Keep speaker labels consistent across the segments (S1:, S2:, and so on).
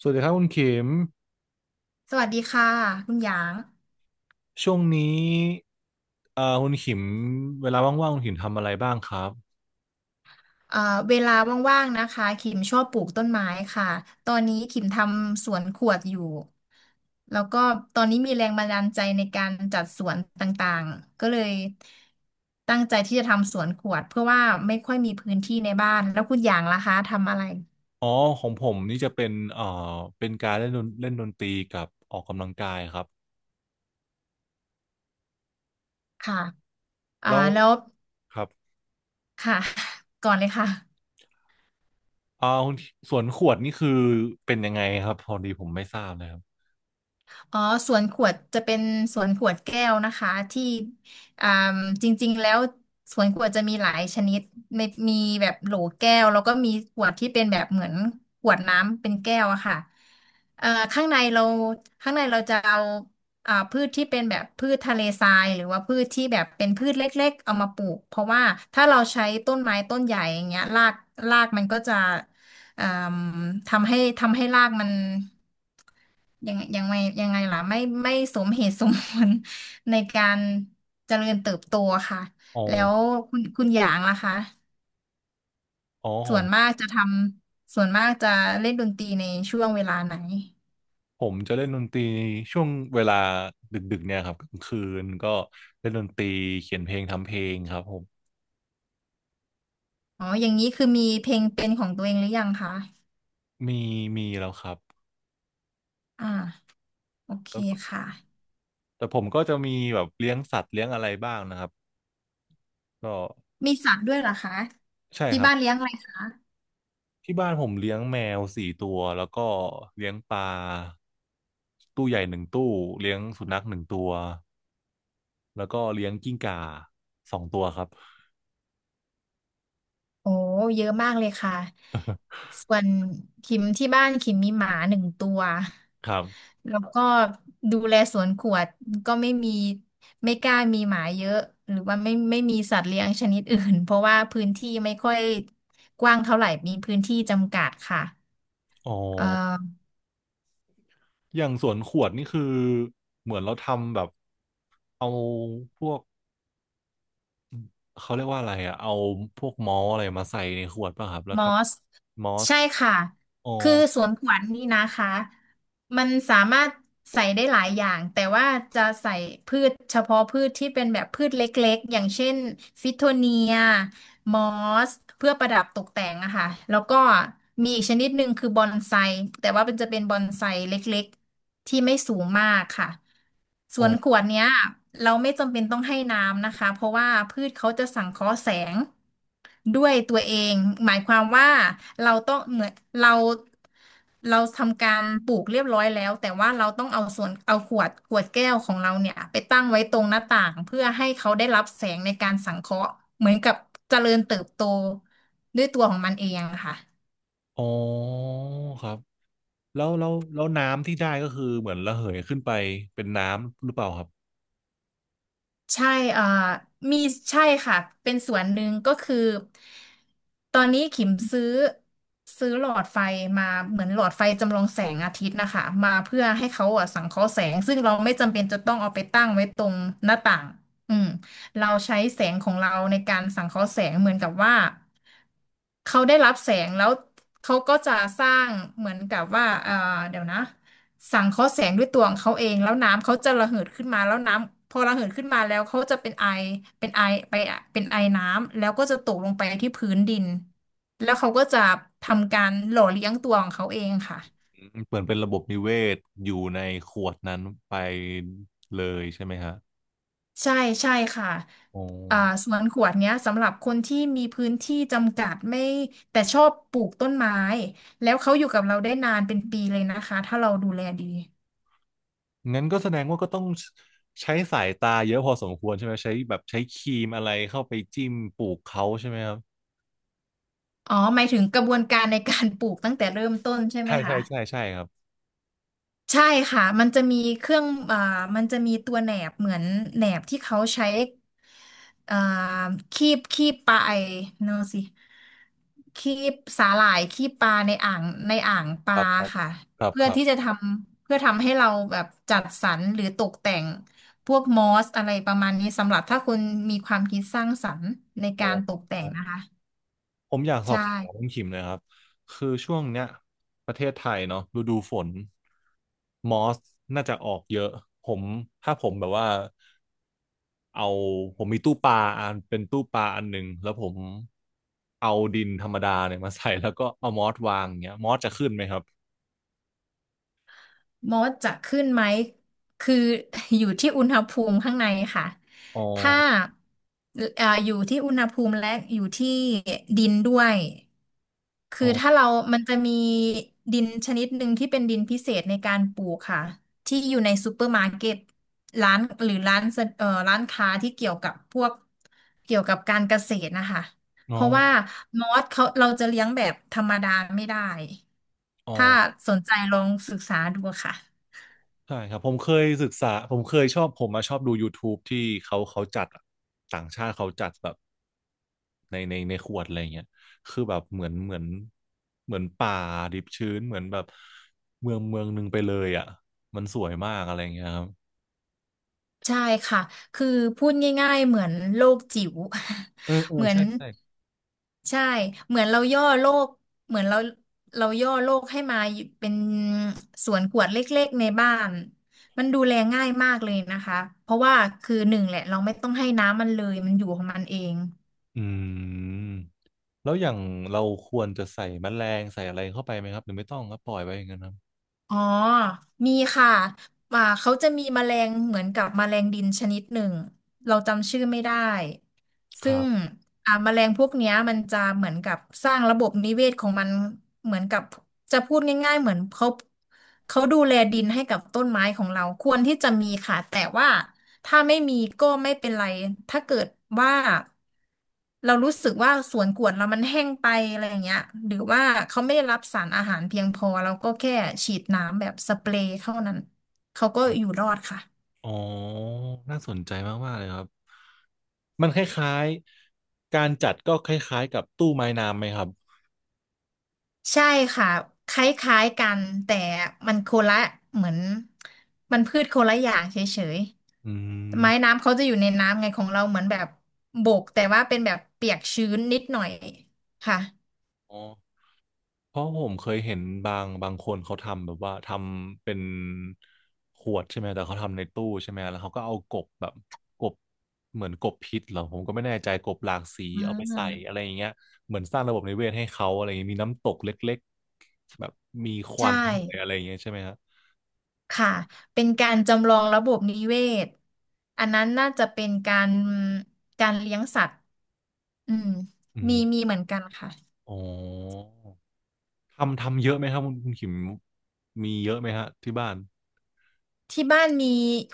S1: สวัสดีครับคุณขิม
S2: สวัสดีค่ะคุณหยาง
S1: ช่วงนี้คุณขิมเวลาว่างๆคุณขิมทำอะไรบ้างครับ
S2: เอ่อเวลาว่างๆนะคะคิมชอบปลูกต้นไม้ค่ะตอนนี้คิมทำสวนขวดอยู่ แล้วก็ตอนนี้มีแรงบันดาลใจในการจัดสวนต่างๆ ก็เลยตั้งใจที่จะทำสวนขวดเพื่อว่าไม่ค่อยมีพื้นที่ในบ้านแล้วคุณหยางล่ะคะทำอะไร
S1: อ๋อของผมนี่จะเป็นการเล่นดนตรีกับออกกำลังกายครับ
S2: ค่ะอ่า
S1: แล้ว
S2: แล้ว
S1: ครับ
S2: ค่ะ ก่อนเลยค่ะ
S1: เอ่าคุณสวนขวดนี่คือเป็นยังไงครับพอดีผมไม่ทราบเลยครับ
S2: อ๋อสวนขวดจะเป็นสวนขวดแก้วนะคะที่อ่าจริงๆแล้วสวนขวดจะมีหลายชนิดมีมีแบบโหลแก้วแล้วก็มีขวดที่เป็นแบบเหมือนขวดน้ำเป็นแก้วอะค่ะข้างในเราข้างในเราจะเอาพืชที่เป็นแบบพืชทะเลทรายหรือว่าพืชที่แบบเป็นพืชเล็กๆเอามาปลูกเพราะว่าถ้าเราใช้ต้นไม้ต้นใหญ่อย่างเงี้ยรากรากมันก็จะเอ่าทำให้รากมัน ยังยังไงยังไงล่ะไม่สมเหตุสมผล ในการเจริญเติบโตค่ะ
S1: อ๋อ
S2: แล้วคุณหยางล่ะคะ
S1: อ๋อข
S2: ส่
S1: อ
S2: ว
S1: ง
S2: นมากจะทส่วนมากจะเล่นดนตรีในช่วงเวลาไหน
S1: ผมจะเล่นดนตรีช่วงเวลาดึกๆเนี่ยครับกลางคืนก็เล่นดนตรีเขียนเพลงทำเพลงครับผม
S2: อ๋ออย่างนี้คือมีเพลงเป็นของตัวเองหรือยังคะ
S1: มีมีแล้วครับ
S2: อ่าโอเคค่ะ
S1: แต่ผมก็จะมีแบบเลี้ยงสัตว์เลี้ยงอะไรบ้างนะครับก็
S2: มีสัตว์ด้วยเหรอคะ
S1: ใช่
S2: ที่
S1: ครับ
S2: บ้านเลี้ยงอะไรคะ
S1: ที่บ้านผมเลี้ยงแมว4 ตัวแล้วก็เลี้ยงปลาตู้ใหญ่1 ตู้เลี้ยงสุนัข1 ตัวแล้วก็เลี้ยงกิ้งก่า2 ตัวครับ
S2: โอ้เยอะมากเลยค่ะส่วนคิมที่บ้านคิมมีหมาหนึ่งตัว
S1: ครับ
S2: แล้วก็ดูแลสวนขวดก็ไม่มีไม่กล้ามีหมาเยอะหรือว่าไม่มีสัตว์เลี้ยงชนิดอื่นเพราะว่าพื้นที่ไม่ค่อยกว้างเท่าไหร่มีพื้นที่จำกัดค่ะ
S1: อ๋อ
S2: เอ่อ
S1: อย่างสวนขวดนี่คือเหมือนเราทำแบบเอาพวกเขาเรียกว่าอะไรอะเอาพวกมอลอะไรมาใส่ในขวดป่ะครับแล้ว
S2: ม
S1: ท
S2: อส
S1: ำมอส
S2: ใช่ค่ะ
S1: อ๋อ
S2: คือสวนขวัญนี่นะคะมันสามารถใส่ได้หลายอย่างแต่ว่าจะใส่พืชเฉพาะพืชที่เป็นแบบพืชเล็กๆอย่างเช่นฟิโทเนียมอสเพื่อประดับตกแต่งอะค่ะแล้วก็มีอีกชนิดหนึ่งคือบอนไซแต่ว่ามันจะเป็นบอนไซเล็กๆที่ไม่สูงมากค่ะส
S1: อ๋อ
S2: วนขวดเนี้ยเราไม่จำเป็นต้องให้น้ำนะคะเพราะว่าพืชเขาจะสังเคราะห์แสง ด้วยตัวเองหมายความว่าเราต้องเหมือนเราเราทำการปลูกเรียบร้อยแล้วแต่ว่าเราต้องเอาส่วนเอาขวดแก้วของเราเนี่ยไปตั้งไว้ตรงหน้าต่างเพื่อให้เขาได้รับแสงในการสังเคราะห์เหมือนกับเจริญเติบโตด้วยตัวของมันเองอะค่ะ
S1: อ๋อครับ แล้วน้ำที่ได้ก็คือเหมือนระเหยขึ้นไปเป็นน้ำหรือเปล่าครับ
S2: ใช่เอ่อมีใช่ค่ะ เป็นส่วนหนึ่งก็คือตอนนี้ขิมซื้อหลอดไฟมาเหมือนหลอดไฟจำลองแสงอาทิตย์นะคะ มาเพื่อให้เขาอ่ะสังเคราะห์แสงซึ่งเราไม่จำเป็นจะต้องเอาไปตั้งไว้ตรงหน้าต่าง อืมเราใช้แสงของเราในการสังเคราะห์แสงเหมือนกับว่าเขาได้รับแสงแล้วเขาก็จะสร้างเหมือนกับว่าเดี๋ยวนะ สังเคราะห์แสงด้วยตัวของเขาเองแล้วน้ำเขาจะระเหิดขึ้นมาแล้วน้ำพอระเหิดขึ้นมาแล้วเขาจะเป็นไอเป็นไอไปอะเป็นไอน้ำแล้วก็จะตกลงไปที่พื้นดินแล้วเขาก็จะทำการหล่อเลี้ยงตัวของเขาเองค่ะ
S1: อืมเหมือนเป็นระบบนิเวศอยู่ในขวดนั้นไปเลยใช่ไหมฮะ
S2: ใช่ใช่ค่ะ
S1: โอ้
S2: อ่าสวนขวดเนี้ยสำหรับคนที่มีพื้นที่จำกัดไม่แต่ชอบปลูกต้นไม้แล้วเขาอยู่กับเราได้นานเป็นปีเลยนะคะถ้าเราดูแลดี
S1: งั้นก็แสดงว่าก็ต้องใช้สายตาเยอะพอสมควรใช่ไหมใช้แบบใช้ครีมอะไรเข้าไปจิ้มปลูกเขาใช่ไหมครับ
S2: อ๋อหมายถึงกระบวนการในการปลูกตั้งแต่เริ่มต้นใช่ไหม
S1: ใช่ใช่
S2: คะ
S1: ใช่ใช่ครับ
S2: ใช่ค่ะ มันจะมีเครื่องมันจะมีตัวแหนบเหมือนแหนบที่เขาใช้อ่าคีบปลาไอเนอะสิคีบสาหร่ายคีบปลาในอ่างป
S1: ค
S2: ลา
S1: รับครับ
S2: ค่ะ
S1: ครับ
S2: เพื่อ
S1: ครับ
S2: ที่จะทเพื่อทำให้เราแบบจัดสรรหรือตกแต่งพวกมอสอะไรประมาณนี้สำหรับถ้าคุณมีความคิดสร้างสรรค์ใน
S1: โอ้
S2: การตกแต่
S1: โห
S2: งนะคะ
S1: ผมอยากสอ
S2: ใช่
S1: บถามคุณขิมหนะครับคือช่วงเนี้ยประเทศไทยเนาะฤดูฝนมอสน่าจะออกเยอะผมถ้าผมแบบว่าเอาผมมีตู้ปลาอันเป็นตู้ปลาอันหนึ่งแล้วผมเอาดินธรรมดาเนี่ยมาใส่แล้วก็เอามอสวางเงี้ยมอสจะขึ้นไหมครับ
S2: มดจะขึ้นไหม คือ อยู่ที่อุณหภูมิข้างในค่ะ
S1: อ๋อ
S2: ถ้าอยู่ที่อุณหภูมิและอยู่ที่ดินด้วย คือ
S1: อ๋อ
S2: ถ้าเรามันจะมีดินชนิดหนึ่งที่เป็นดินพิเศษในการปลูกค่ะ ที่อยู่ในซูเปอร์มาร์เก็ตร้านหรือร้านสะร้านค้าที่เกี่ยวกับพวกเกี่ยวกับการเกษตรนะคะ
S1: อ๋
S2: เพ
S1: อ
S2: ราะว่ามอสเขาเราจะเลี้ยงแบบธรรมดาไม่ได้
S1: อ๋อ
S2: ถ้าสนใจลองศึกษาดูค่ะ
S1: ใช่ครับผมเคยศึกษาผมมาชอบดู YouTube ที่เขาจัดอะต่างชาติเขาจัดแบบในขวดอะไรเงี้ยคือแบบเหมือนป่าดิบชื้นเหมือนแบบเมืองเมืองหนึ่งไปเลยอ่ะมันสวยมากอะไรเงี้ยครับ
S2: ใช่ค่ะ คือพูดง่ายๆเหมือนโลกจิ๋ว
S1: เออเอ อ
S2: เหมือน
S1: ใช่ใช่
S2: ใช่เหมือนเราย่อโลกเหมือนเราย่อโลกให้มาอยู่เป็นสวนขวดเล็กๆในบ้าน มันดูแลง่ายมากเลยนะคะ เพราะว่าคือหนึ่งแหละเราไม่ต้องให้น้ำมันเลยมันอยู่ของมันเอง
S1: อืมแล้วอย่างเราควรจะใส่แมลงใส่อะไรเข้าไปไหมครับหรือไม่ต้องครับปล่อยไว้อย่างนั้นครับ
S2: อ๋อ มีค่ะอ่าเขาจะมีแมลงเหมือนกับแมลงดินชนิดหนึ่งเราจำชื่อไม่ได้
S1: ค
S2: ซึ่
S1: รั
S2: ง
S1: บ
S2: แมลงพวกเนี้ยมันจะเหมือนกับสร้างระบบนิเวศของมันเหมือนกับจะพูดง่ายๆเหมือนเขาดูแลดินให้กับต้นไม้ของเราควรที่จะมีค่ะแต่ว่าถ้าไม่มีก็ไม่เป็นไรถ้าเกิดว่าเรารู้สึกว่าสวนกวนเรามันแห้งไปอะไรอย่างเงี้ยหรือว่าเขาไม่ได้รับสารอาหารเพียงพอเราก็แค่ฉีดน้ำแบบสเปรย์เท่านั้นเขาก็อยู่รอดค่ะ
S1: อ๋อน่าสนใจมากๆเลยครับ มันคล้ายๆการจัดก็คล้ายๆกับตู้ไม้น้ำไหมครับ
S2: ใช่ค่ะคล้ายๆกันแต่มันโคนละเหมือนพืชโคนละอย่างเฉย
S1: อื
S2: ๆไม้
S1: ม
S2: น้ำเขาจะอยู่ในน้ำไงของเราเหมือนแบบบกแต่ว่าเป็นแบบเปียกชื้นนิดหน่อยค่ะ
S1: อ๋อเพราะผมเคยเห็นบางคนเขาทำแบบว่าทำเป็นขวดใช่ไหมแต่เขาทำในตู้ใช่ไหมแล้วเขาก็เอากบแบบกบเหมือนกบพิษเหรอผมก็ไม่แน่ใจกบหลากสี
S2: อ่
S1: เอาไปใส่
S2: า
S1: อะไรอย่างเงี้ยเหมือนสร้างระบบนิเวศให้เขาอะไรอย่างเงี้ยมีน้ำตกเล็กๆแบบมีควั
S2: ใช่
S1: นด้วยอะไรอย่างเงี้ยใช่ไหมครับ
S2: ค่ะเป็นการจำลองระบบนิเวศอันนั้นน่าจะเป็นการเลี้ยงสัตว์อืม
S1: อื
S2: มี
S1: ม
S2: มีเหมือนกันค่ะ
S1: อ๋อทำเยอะไหมครับคุณขิมมีเยอะไหมฮะที่บ้าน
S2: ที่บ้านมี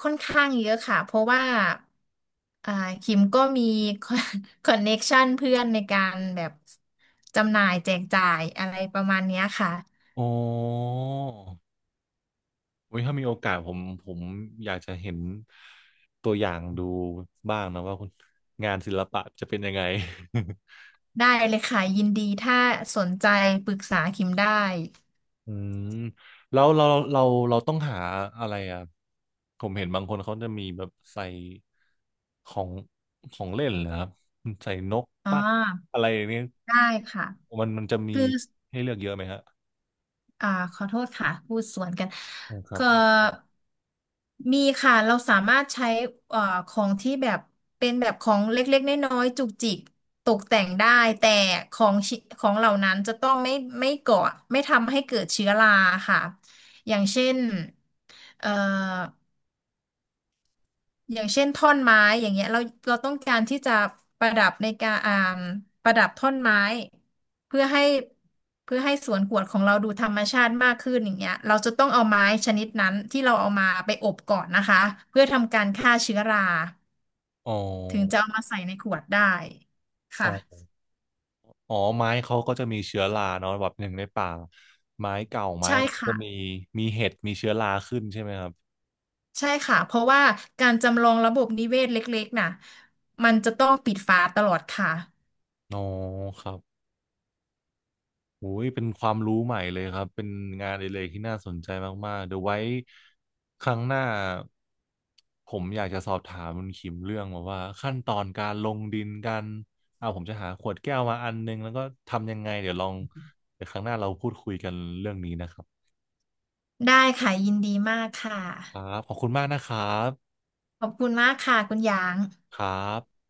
S2: ค่อนข้างเยอะค่ะเพราะว่าอ่าคิมก็มี คอนเน็กชันเพื่อนในการแบบจำหน่ายแจกจ่ายอะไรประมาณเนี้ยค่ะ
S1: อ๋อโอุยถ้ามีโอกาสผมอยากจะเห็นตัวอย่างดูบ้างนะว่าคุณงานศิลปะจะเป็นยังไง
S2: ได้เลยค่ะยินดีถ้าสนใจปรึกษาคิมได้
S1: อืมแล้วเราเราต้องหาอะไรอ่ะผมเห็นบางคนเขาจะมีแบบใส่ของของเล่นนะครับใส่นก
S2: อ่า
S1: ปัดอะไรอย่างเนี้ย
S2: ได้ค่ะ
S1: มันจะมี
S2: คือ
S1: ให้เลือกเยอะไหมฮะ
S2: อ่าขอโทษค่ะพูดสวนกัน
S1: อ๋อครับ
S2: ก็มีค่ะเราสามารถใช้เอ่อของที่แบบเป็นแบบของเล็กๆน้อยๆจุกจิกตกแต่งได้แต่ของชิของเหล่านั้นจะต้องไม่ไม่ก่อไม่ทำให้เกิดเชื้อราค่ะอย่างเช่นเอ่อ อย่างเช่นท่อนไม้อย่างเงี้ยเราต้องการที่จะประดับในการประดับท่อนไม้เพื่อให้เพื่อให้สวนกวดของเราดูธรรมชาติมากขึ้นอย่างเงี้ยเราจะต้องเอาไม้ชนิดนั้นที่เราเอามาไปอบก่อนนะคะเพื่อทำการฆ่าเชื้อรา
S1: อ๋
S2: ถึง
S1: อ
S2: จะเอามาใส่ในขวดได้
S1: อ๋
S2: ค่ะ
S1: อ อ๋อไม้เขาก็จะมีเชื้อราเนาะแบบหนึ่งในป่าไม้เก่าไม้
S2: ใช่
S1: อะไร
S2: ค่ะ
S1: ก็มีมีเห็ดมีเชื้อราขึ้นใช่ไหมครับ
S2: ใช่ค่ะเพราะว่าการจำลองระบบนิเวศเล็กๆน่ะมันจะต้องปิดฝาตลอดค่ะ
S1: อ๋อครับโอ้ยเป็นความรู้ใหม่เลยครับเป็นงานอดิเรกที่น่าสนใจมากๆเดี๋ยวไว้ครั้งหน้าผมอยากจะสอบถามคุณคิมเรื่องแบบว่าขั้นตอนการลงดินกันเอาผมจะหาขวดแก้วมาอันนึงแล้วก็ทำยังไงเดี๋ยวครั้งหน้าเราพูดคุยกันเรื่องนี้นะครับ
S2: ได้ค่ะยินดีมากค่ะ
S1: ครับขอบคุณมากนะครับ
S2: ขอบคุณมากค่ะคุณหยาง
S1: ครับ